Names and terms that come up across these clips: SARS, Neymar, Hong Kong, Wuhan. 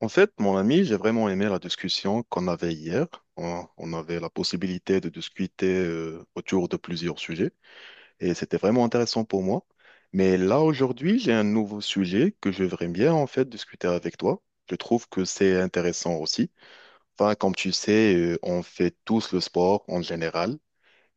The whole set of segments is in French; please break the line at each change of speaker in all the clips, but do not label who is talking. En fait, mon ami, j'ai vraiment aimé la discussion qu'on avait hier. On avait la possibilité de discuter autour de plusieurs sujets et c'était vraiment intéressant pour moi. Mais là, aujourd'hui, j'ai un nouveau sujet que je voudrais bien en fait discuter avec toi. Je trouve que c'est intéressant aussi. Enfin, comme tu sais, on fait tous le sport en général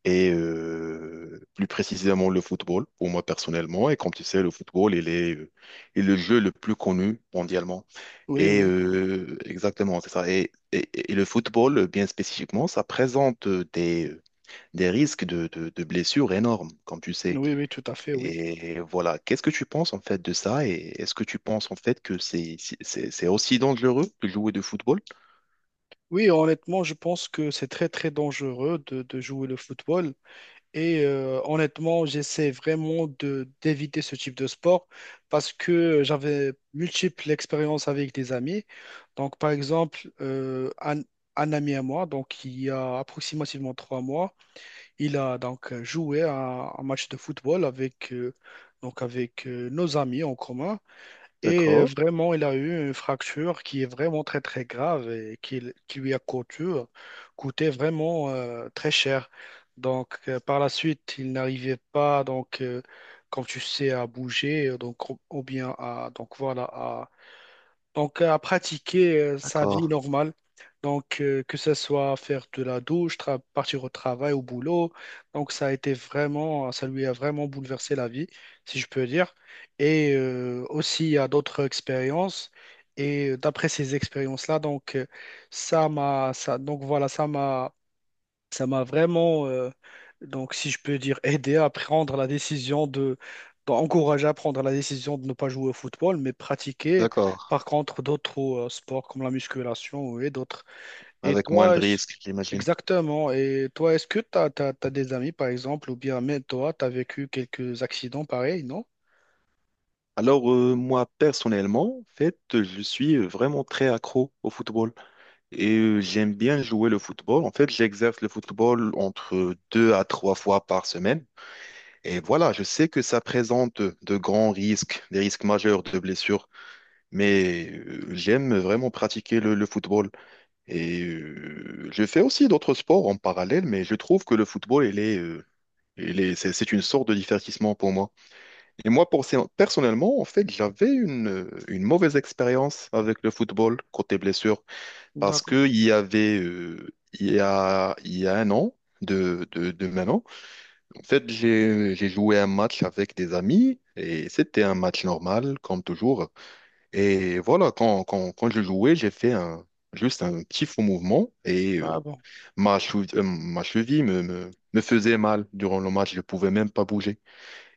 et plus précisément le football pour moi personnellement. Et comme tu sais, le football, est le jeu le plus connu mondialement.
Oui, oui,
Exactement, c'est ça. Et le football, bien spécifiquement, ça présente des risques de blessures énormes, comme tu sais.
oui, oui, tout à fait, oui.
Et voilà, qu'est-ce que tu penses en fait de ça? Et est-ce que tu penses en fait que c'est aussi dangereux de jouer de football?
Oui, honnêtement, je pense que c'est très, très dangereux de jouer le football. Et honnêtement, j'essaie vraiment de d'éviter ce type de sport parce que j'avais multiples expériences avec des amis. Donc, par exemple, un ami à moi, donc il y a approximativement 3 mois, il a donc joué à un match de football avec nos amis en commun. Et
D'accord,
vraiment, il a eu une fracture qui est vraiment très très grave et qui lui a coûté vraiment très cher. Donc par la suite, il n'arrivait pas comme tu sais à bouger donc ou bien à à pratiquer sa vie
d'accord,
normale. Donc, que ce soit faire de la douche, partir au travail, au boulot. Donc, ça a été vraiment, ça lui a vraiment bouleversé la vie, si je peux dire. Et aussi à d'autres expériences. Et d'après ces expériences-là, donc, ça m'a, ça, donc voilà, ça m'a vraiment, si je peux dire, aidé à prendre la décision d'encourager à prendre la décision de ne pas jouer au football, mais pratiquer
d'accord.
par contre d'autres sports comme la musculation et d'autres. Et
Avec moins
toi,
de
est-ce-
risques, j'imagine.
Exactement. Et toi, est-ce que tu as des amis, par exemple, ou bien même toi, tu as vécu quelques accidents pareils, non?
Alors, moi, personnellement, en fait, je suis vraiment très accro au football. Et j'aime bien jouer le football. En fait, j'exerce le football entre deux à trois fois par semaine. Et voilà, je sais que ça présente de grands risques, des risques majeurs de blessures, mais j'aime vraiment pratiquer le football. Et je fais aussi d'autres sports en parallèle, mais je trouve que le football, c'est une sorte de divertissement pour moi. Et moi, pour, personnellement, en fait, j'avais une mauvaise expérience avec le football côté blessure parce
D'accord.
qu'il y avait, il y a un an, de maintenant, en fait, j'ai joué un match avec des amis et c'était un match normal, comme toujours. Et voilà, quand je jouais, juste un petit faux mouvement et
Ah bon.
ma cheville me faisait mal durant le match, je pouvais même pas bouger.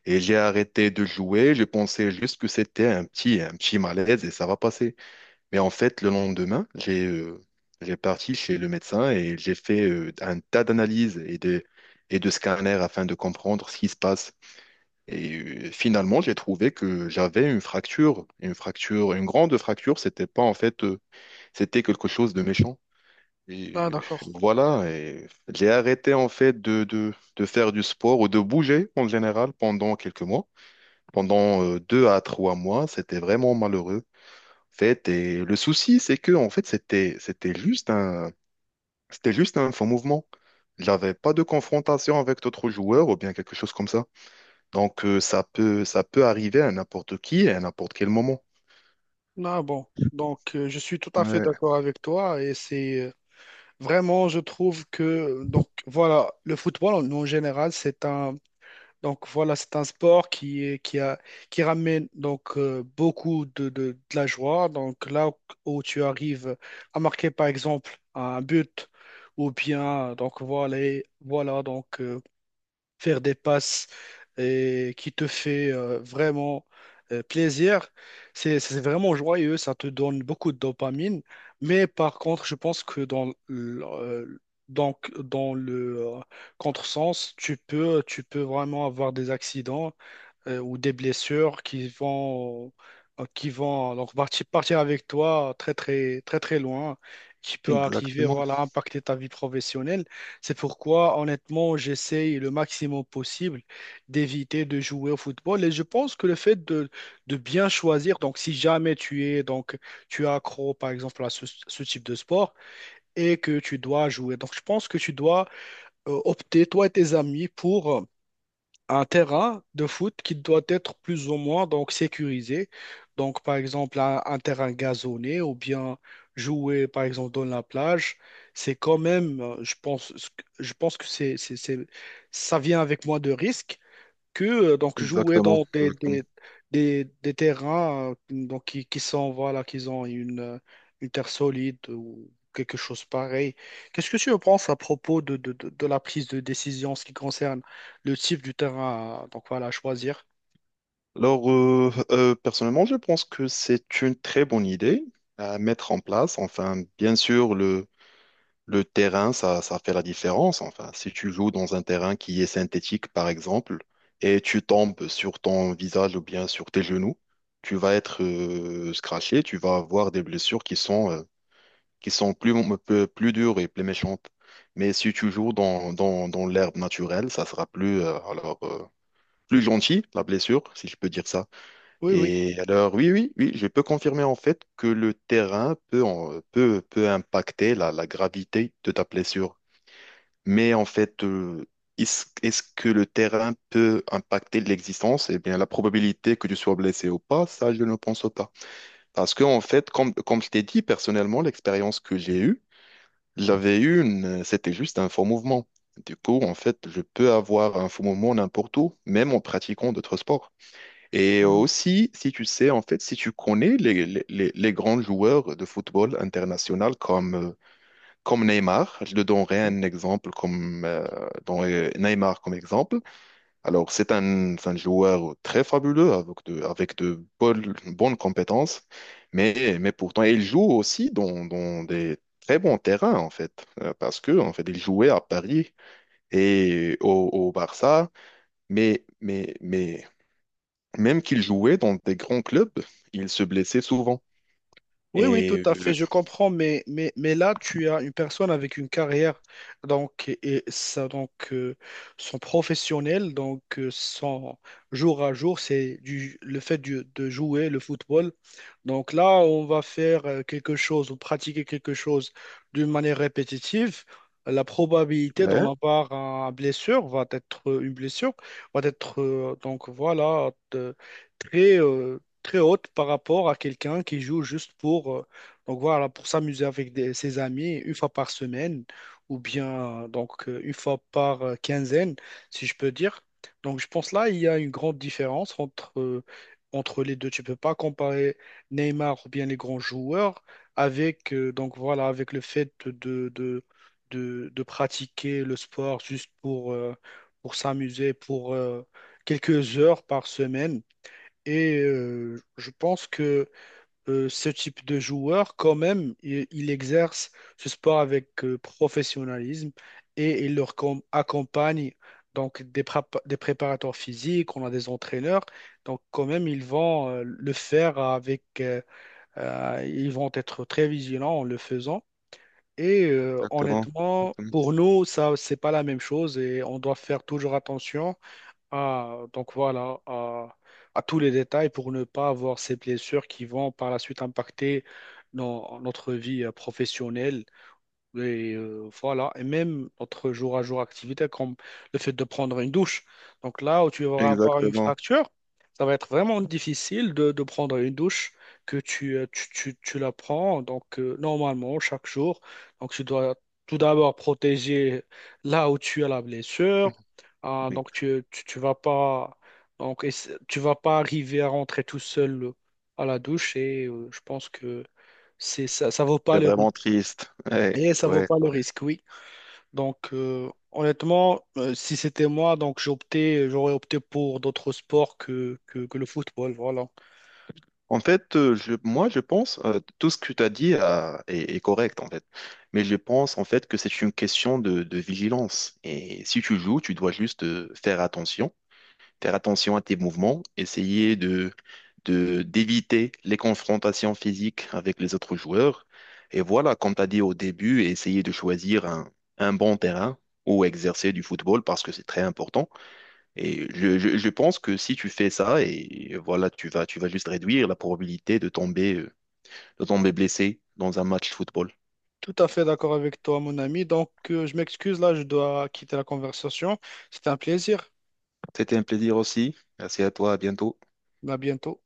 Et j'ai arrêté de jouer, je pensais juste que c'était un petit malaise et ça va passer. Mais en fait, le lendemain, j'ai parti chez le médecin et j'ai fait un tas d'analyses et de scanners afin de comprendre ce qui se passe. Et finalement, j'ai trouvé que j'avais une grande fracture. C'était pas en fait, c'était quelque chose de méchant. Et
Ah
euh,
d'accord.
voilà, et j'ai arrêté en fait de faire du sport ou de bouger en général pendant quelques mois. Pendant deux à trois mois, c'était vraiment malheureux fait, et le souci, c'est que en fait, c'était juste un faux mouvement. Il n'avait pas de confrontation avec d'autres joueurs ou bien quelque chose comme ça. Donc ça peut arriver à n'importe qui et à n'importe quel moment.
Ah bon. Donc, je suis tout à fait
Ouais,
d'accord avec toi et c'est vraiment, je trouve que donc voilà, le football en général, c'est un c'est un sport qui a qui ramène donc beaucoup de la joie. Donc là où tu arrives à marquer par exemple un but ou bien faire des passes et qui te fait vraiment plaisir. C'est vraiment joyeux, ça te donne beaucoup de dopamine. Mais par contre, je pense que dans le contresens, tu peux vraiment avoir des accidents ou des blessures qui vont donc partir avec toi très très très très loin, qui peut arriver
exactement,
voilà impacter ta vie professionnelle. C'est pourquoi honnêtement j'essaye le maximum possible d'éviter de jouer au football et je pense que le fait de bien choisir donc si jamais tu es accro par exemple à ce type de sport et que tu dois jouer donc je pense que tu dois opter toi et tes amis pour un terrain de foot qui doit être plus ou moins donc sécurisé. Donc, par exemple, un terrain gazonné ou bien jouer, par exemple, dans la plage, c'est quand même, je pense que ça vient avec moins de risques que donc jouer
exactement,
dans
exactement.
des terrains qui sont voilà qu'ils ont une terre solide ou quelque chose pareil. Qu'est-ce que tu en penses à propos de la prise de décision en ce qui concerne le type du terrain donc voilà à choisir?
Alors personnellement, je pense que c'est une très bonne idée à mettre en place. Enfin, bien sûr, le terrain, ça fait la différence. Enfin, si tu joues dans un terrain qui est synthétique, par exemple, et tu tombes sur ton visage ou bien sur tes genoux, tu vas être scratché, tu vas avoir des blessures qui sont plus, peu- plus dures et plus méchantes. Mais si tu joues dans l'herbe naturelle, ça sera plus, plus gentil, la blessure, si je peux dire ça.
Oui, oui.
Et alors, oui, oui, oui, je peux confirmer en fait que le terrain peut impacter la gravité de ta blessure. Mais en fait, est-ce que le terrain peut impacter l'existence? Eh bien, la probabilité que tu sois blessé ou pas, ça, je ne pense pas. Parce que, en fait, comme je t'ai dit, personnellement, l'expérience que j'ai eue, j'avais eu une, c'était juste un faux mouvement. Du coup, en fait, je peux avoir un faux mouvement n'importe où, même en pratiquant d'autres sports. Et aussi, si tu sais, en fait, si tu connais les grands joueurs de football international comme Neymar, je le donnerai un exemple Neymar comme exemple. Alors, c'est un joueur très fabuleux avec de bonnes compétences, mais pourtant, il joue aussi dans des très bons terrains, en fait, parce que, en fait, il jouait à Paris et au Barça, mais même qu'il jouait dans des grands clubs, il se blessait souvent.
Oui, oui, tout
Et,
à fait,
euh,
je comprends, mais là, tu as une personne avec une carrière, donc, et ça, donc, son professionnel, donc, son jour à jour, c'est le fait de jouer le football. Donc là, on va faire quelque chose ou pratiquer quelque chose d'une manière répétitive. La probabilité
ouais,
d'en avoir une blessure, va être, très, très haute par rapport à quelqu'un qui joue juste pour, pour s'amuser avec ses amis une fois par semaine ou bien une fois par quinzaine, si je peux dire. Donc je pense là, il y a une grande différence entre les deux. Tu peux pas comparer Neymar ou bien les grands joueurs avec, avec le fait de pratiquer le sport juste pour s'amuser, quelques heures par semaine. Et je pense que ce type de joueur, quand même, il exerce ce sport avec professionnalisme et il leur accompagne donc des, des préparateurs physiques, on a des entraîneurs. Donc quand même, ils vont le faire avec ils vont être très vigilants en le faisant. Et
exactement.
honnêtement, pour nous, ça, c'est pas la même chose et on doit faire toujours attention donc voilà, à tous les détails pour ne pas avoir ces blessures qui vont par la suite impacter notre vie professionnelle et voilà, et même notre jour à jour activité, comme le fait de prendre une douche. Donc là où tu vas avoir une
Exactement.
fracture, ça va être vraiment difficile de prendre une douche que tu la prends. Donc normalement, chaque jour, donc tu dois tout d'abord protéger là où tu as la blessure. Ah, donc
Exactement.
tu vas pas, tu vas pas arriver à rentrer tout seul à la douche et je pense que ça vaut pas
C'est
le
vraiment
risque.
triste. Ouais,
Et ça vaut
ouais,
pas le
ouais.
risque, oui. Donc, honnêtement, si c'était moi, j'aurais opté pour d'autres sports que le football. Voilà.
En fait, moi, je pense tout ce que tu as dit est correct, en fait. Mais je pense, en fait, que c'est une question de vigilance. Et si tu joues, tu dois juste faire attention à tes mouvements, essayer d'éviter les confrontations physiques avec les autres joueurs. Et voilà, comme tu as dit au début, essayer de choisir un bon terrain où exercer du football parce que c'est très important. Et je pense que si tu fais ça, et voilà, tu vas juste réduire la probabilité de tomber blessé dans un match football.
Tout à fait d'accord avec toi, mon ami. Donc, je m'excuse, là, je dois quitter la conversation. C'était un plaisir.
C'était un plaisir aussi. Merci à toi, à bientôt.
À bientôt.